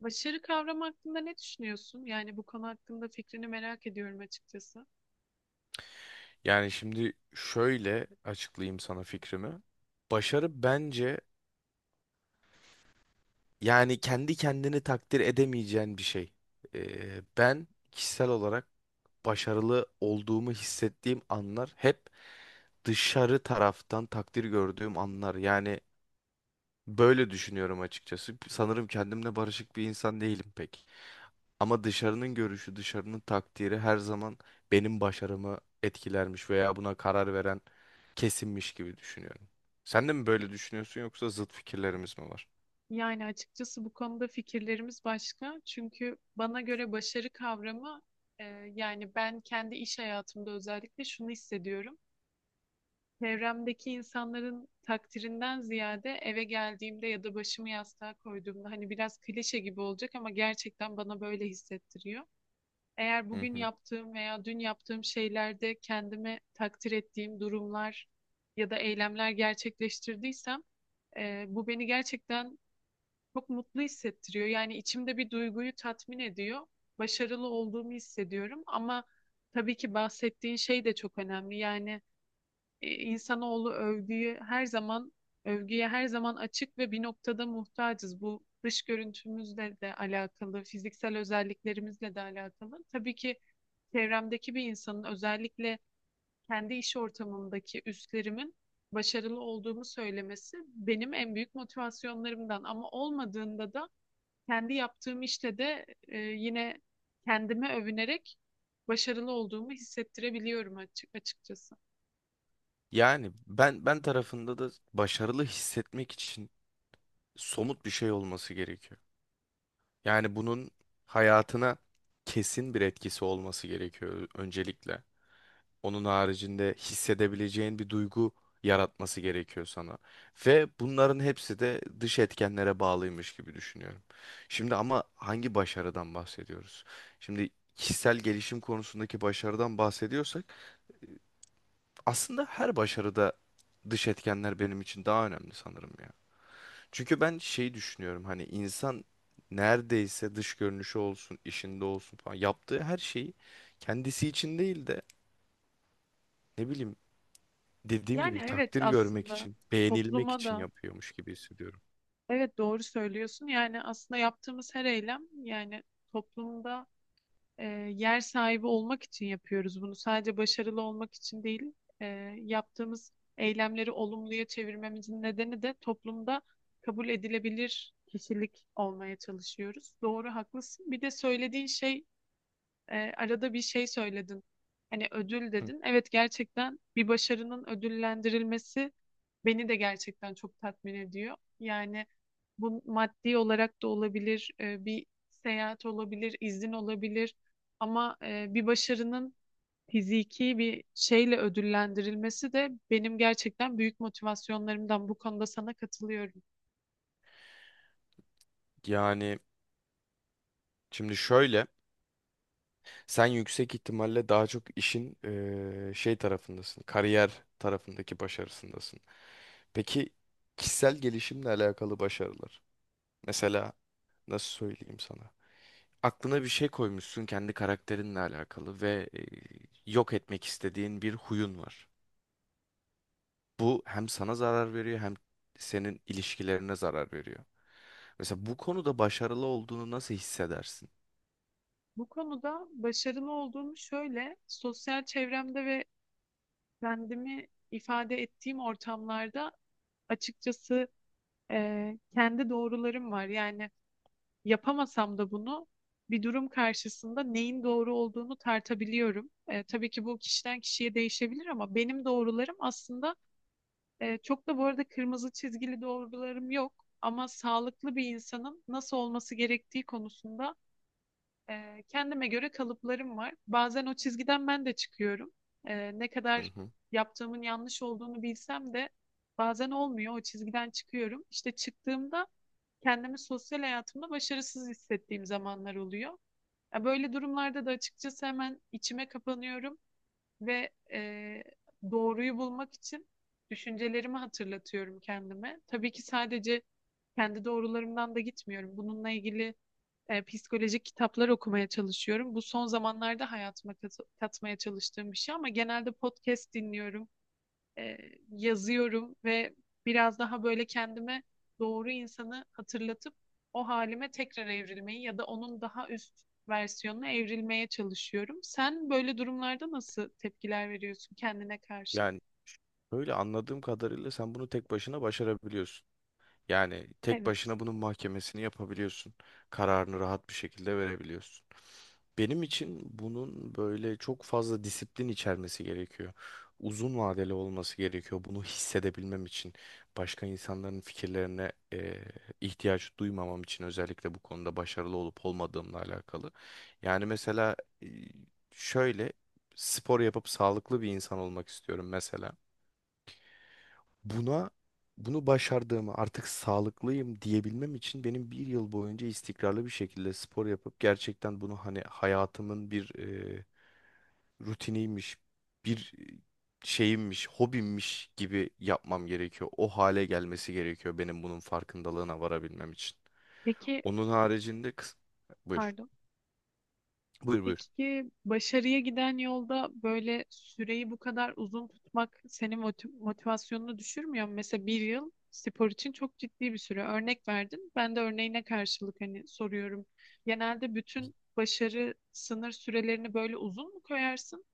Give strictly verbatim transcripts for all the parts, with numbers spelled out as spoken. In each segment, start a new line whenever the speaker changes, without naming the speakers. Başarı kavramı hakkında ne düşünüyorsun? Yani bu konu hakkında fikrini merak ediyorum açıkçası.
Yani şimdi şöyle açıklayayım sana fikrimi. Başarı bence yani kendi kendini takdir edemeyeceğin bir şey. Ee, ben kişisel olarak başarılı olduğumu hissettiğim anlar hep dışarı taraftan takdir gördüğüm anlar. Yani böyle düşünüyorum açıkçası. Sanırım kendimle barışık bir insan değilim pek. Ama dışarının görüşü, dışarının takdiri her zaman benim başarımı etkilermiş veya buna karar veren kesinmiş gibi düşünüyorum. Sen de mi böyle düşünüyorsun yoksa zıt fikirlerimiz mi var?
Yani açıkçası bu konuda fikirlerimiz başka. Çünkü bana göre başarı kavramı e, yani ben kendi iş hayatımda özellikle şunu hissediyorum. Çevremdeki insanların takdirinden ziyade eve geldiğimde ya da başımı yastığa koyduğumda hani biraz klişe gibi olacak ama gerçekten bana böyle hissettiriyor. Eğer
Hı
bugün
hı.
yaptığım veya dün yaptığım şeylerde kendimi takdir ettiğim durumlar ya da eylemler gerçekleştirdiysem e, bu beni gerçekten çok mutlu hissettiriyor. Yani içimde bir duyguyu tatmin ediyor. Başarılı olduğumu hissediyorum ama tabii ki bahsettiğin şey de çok önemli. Yani e, insanoğlu övgüyü her zaman övgüye her zaman açık ve bir noktada muhtacız. Bu dış görüntümüzle de alakalı, fiziksel özelliklerimizle de alakalı. Tabii ki çevremdeki bir insanın özellikle kendi iş ortamımdaki üstlerimin başarılı olduğumu söylemesi benim en büyük motivasyonlarımdan. Ama olmadığında da kendi yaptığım işte de e, yine kendime övünerek başarılı olduğumu hissettirebiliyorum açık açıkçası.
Yani ben ben tarafında da başarılı hissetmek için somut bir şey olması gerekiyor. Yani bunun hayatına kesin bir etkisi olması gerekiyor öncelikle. Onun haricinde hissedebileceğin bir duygu yaratması gerekiyor sana. Ve bunların hepsi de dış etkenlere bağlıymış gibi düşünüyorum. Şimdi ama hangi başarıdan bahsediyoruz? Şimdi kişisel gelişim konusundaki başarıdan bahsediyorsak aslında her başarıda dış etkenler benim için daha önemli sanırım ya. Çünkü ben şey düşünüyorum hani insan neredeyse dış görünüşü olsun, işinde olsun falan yaptığı her şeyi kendisi için değil de ne bileyim dediğim
Yani
gibi
evet
takdir görmek
aslında
için, beğenilmek
topluma
için
da
yapıyormuş gibi hissediyorum.
evet doğru söylüyorsun. Yani aslında yaptığımız her eylem yani toplumda e, yer sahibi olmak için yapıyoruz bunu. Sadece başarılı olmak için değil, e, yaptığımız eylemleri olumluya çevirmemizin nedeni de toplumda kabul edilebilir kişilik olmaya çalışıyoruz. Doğru, haklısın. Bir de söylediğin şey e, arada bir şey söyledin. Hani ödül
Hı.
dedin. Evet gerçekten bir başarının ödüllendirilmesi beni de gerçekten çok tatmin ediyor. Yani bu maddi olarak da olabilir, e, bir seyahat olabilir, izin olabilir. Ama e, bir başarının fiziki bir şeyle ödüllendirilmesi de benim gerçekten büyük motivasyonlarımdan. Bu konuda sana katılıyorum.
Yani şimdi şöyle, sen yüksek ihtimalle daha çok işin eee, şey tarafındasın, kariyer tarafındaki başarısındasın. Peki kişisel gelişimle alakalı başarılar. Mesela nasıl söyleyeyim sana? Aklına bir şey koymuşsun kendi karakterinle alakalı ve eee, yok etmek istediğin bir huyun var. Bu hem sana zarar veriyor hem senin ilişkilerine zarar veriyor. Mesela bu konuda başarılı olduğunu nasıl hissedersin?
Bu konuda başarılı olduğum şöyle, sosyal çevremde ve kendimi ifade ettiğim ortamlarda açıkçası e, kendi doğrularım var. Yani yapamasam da bunu bir durum karşısında neyin doğru olduğunu tartabiliyorum. E, tabii ki bu kişiden kişiye değişebilir ama benim doğrularım aslında e, çok da bu arada kırmızı çizgili doğrularım yok. Ama sağlıklı bir insanın nasıl olması gerektiği konusunda ee, kendime göre kalıplarım var. Bazen o çizgiden ben de çıkıyorum. Ee, ne
Hı
kadar
hı.
yaptığımın yanlış olduğunu bilsem de bazen olmuyor. O çizgiden çıkıyorum. İşte çıktığımda kendimi sosyal hayatımda başarısız hissettiğim zamanlar oluyor. Ya böyle durumlarda da açıkçası hemen içime kapanıyorum ve e, doğruyu bulmak için düşüncelerimi hatırlatıyorum kendime. Tabii ki sadece kendi doğrularımdan da gitmiyorum. Bununla ilgili e, psikolojik kitaplar okumaya çalışıyorum. Bu son zamanlarda hayatıma kat- katmaya çalıştığım bir şey ama genelde podcast dinliyorum, e, yazıyorum ve biraz daha böyle kendime doğru insanı hatırlatıp o halime tekrar evrilmeyi ya da onun daha üst versiyonuna evrilmeye çalışıyorum. Sen böyle durumlarda nasıl tepkiler veriyorsun kendine karşı?
Yani öyle anladığım kadarıyla sen bunu tek başına başarabiliyorsun. Yani tek
Evet.
başına bunun mahkemesini yapabiliyorsun. Kararını rahat bir şekilde verebiliyorsun. Benim için bunun böyle çok fazla disiplin içermesi gerekiyor. Uzun vadeli olması gerekiyor. Bunu hissedebilmem için, başka insanların fikirlerine eee, ihtiyaç duymamam için özellikle bu konuda başarılı olup olmadığımla alakalı. Yani mesela eee, şöyle spor yapıp sağlıklı bir insan olmak istiyorum mesela. Buna Bunu başardığımı artık sağlıklıyım diyebilmem için benim bir yıl boyunca istikrarlı bir şekilde spor yapıp gerçekten bunu hani hayatımın bir e, rutiniymiş, bir e, şeyimmiş, hobimmiş gibi yapmam gerekiyor. O hale gelmesi gerekiyor benim bunun farkındalığına varabilmem için.
Peki,
Onun haricinde kıs- Buyur.
pardon.
Buyur buyur.
Peki başarıya giden yolda böyle süreyi bu kadar uzun tutmak senin moti- motivasyonunu düşürmüyor mu? Mesela bir yıl spor için çok ciddi bir süre. Örnek verdin. Ben de örneğine karşılık hani soruyorum. Genelde bütün başarı sınır sürelerini böyle uzun mu koyarsın?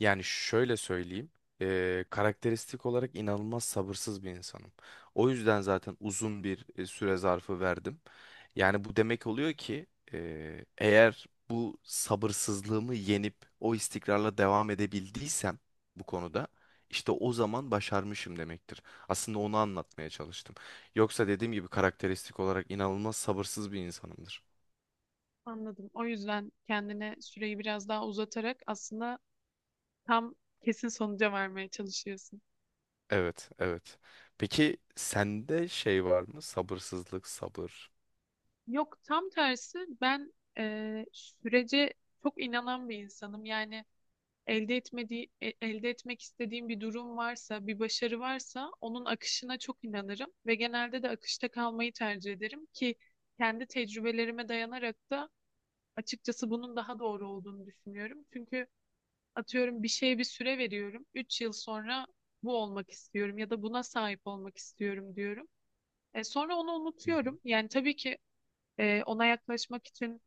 Yani şöyle söyleyeyim, eee, karakteristik olarak inanılmaz sabırsız bir insanım. O yüzden zaten uzun bir e, süre zarfı verdim. Yani bu demek oluyor ki eee, eğer bu sabırsızlığımı yenip o istikrarla devam edebildiysem bu konuda işte o zaman başarmışım demektir. Aslında onu anlatmaya çalıştım. Yoksa dediğim gibi karakteristik olarak inanılmaz sabırsız bir insanımdır.
Anladım. O yüzden kendine süreyi biraz daha uzatarak aslında tam kesin sonuca varmaya çalışıyorsun.
Evet, evet. Peki sende şey var mı? Sabırsızlık, sabır.
Yok, tam tersi. Ben eee, sürece çok inanan bir insanım. Yani elde etmediği, e- elde etmek istediğim bir durum varsa, bir başarı varsa onun akışına çok inanırım ve genelde de akışta kalmayı tercih ederim ki kendi tecrübelerime dayanarak da açıkçası bunun daha doğru olduğunu düşünüyorum. Çünkü atıyorum bir şeye bir süre veriyorum. Üç yıl sonra bu olmak istiyorum ya da buna sahip olmak istiyorum diyorum. E, sonra onu
Hı hı.
unutuyorum. Yani tabii ki e, ona yaklaşmak için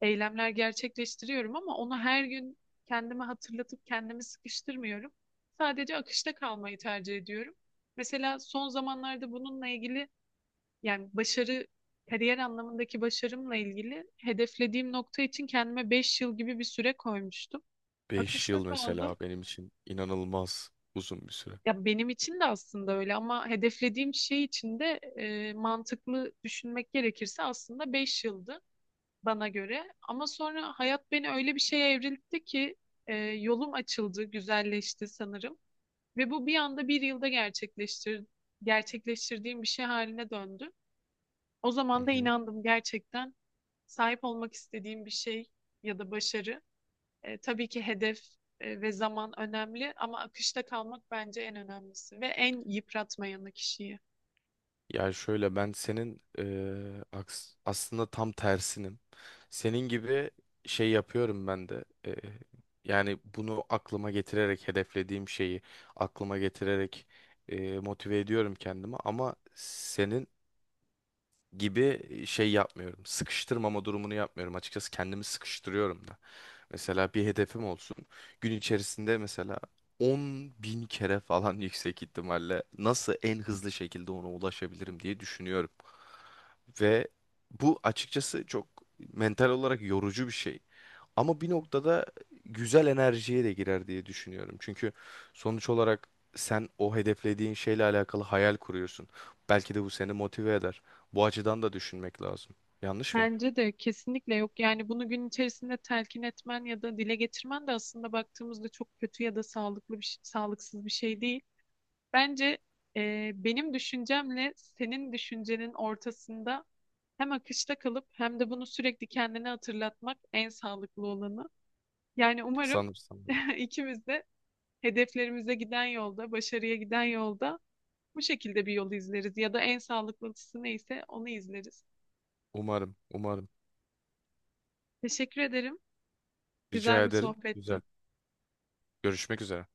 eylemler gerçekleştiriyorum ama onu her gün kendime hatırlatıp kendimi sıkıştırmıyorum. Sadece akışta kalmayı tercih ediyorum. Mesela son zamanlarda bununla ilgili yani başarı kariyer anlamındaki başarımla ilgili hedeflediğim nokta için kendime beş yıl gibi bir süre koymuştum.
beş
Akışta
yıl mesela
kaldım.
benim için inanılmaz uzun bir süre.
Ya benim için de aslında öyle ama hedeflediğim şey için de e, mantıklı düşünmek gerekirse aslında beş yıldı, bana göre. Ama sonra hayat beni öyle bir şeye evriltti ki e, yolum açıldı, güzelleşti sanırım. Ve bu bir anda bir yılda gerçekleştir gerçekleştirdiğim bir şey haline döndü. O
Hı
zaman da
hı.
inandım gerçekten sahip olmak istediğim bir şey ya da başarı. E, tabii ki hedef e, ve zaman önemli ama akışta kalmak bence en önemlisi ve en yıpratmayanı kişiyi.
Yani şöyle ben senin eee, aks- aslında tam tersinim. Senin gibi şey yapıyorum ben de. Eee, yani bunu aklıma getirerek hedeflediğim şeyi aklıma getirerek eee, motive ediyorum kendimi. Ama senin gibi şey yapmıyorum. Sıkıştırmama durumunu yapmıyorum. Açıkçası kendimi sıkıştırıyorum da. Mesela bir hedefim olsun. Gün içerisinde mesela on bin kere falan yüksek ihtimalle nasıl en hızlı şekilde ona ulaşabilirim diye düşünüyorum. Ve bu açıkçası çok mental olarak yorucu bir şey. Ama bir noktada güzel enerjiye de girer diye düşünüyorum. Çünkü sonuç olarak sen o hedeflediğin şeyle alakalı hayal kuruyorsun. Belki de bu seni motive eder. Bu açıdan da düşünmek lazım. Yanlış mıyım?
Bence de kesinlikle yok. Yani bunu gün içerisinde telkin etmen ya da dile getirmen de aslında baktığımızda çok kötü ya da sağlıklı bir şey- sağlıksız bir şey değil. Bence e, benim düşüncemle senin düşüncenin ortasında hem akışta kalıp hem de bunu sürekli kendine hatırlatmak en sağlıklı olanı. Yani umarım
Sanırsam. Evet.
ikimiz de hedeflerimize giden yolda, başarıya giden yolda bu şekilde bir yol izleriz ya da en sağlıklısı neyse onu izleriz.
Umarım, umarım.
Teşekkür ederim.
Rica
Güzel bir
ederim. Güzel.
sohbetti.
Görüşmek üzere.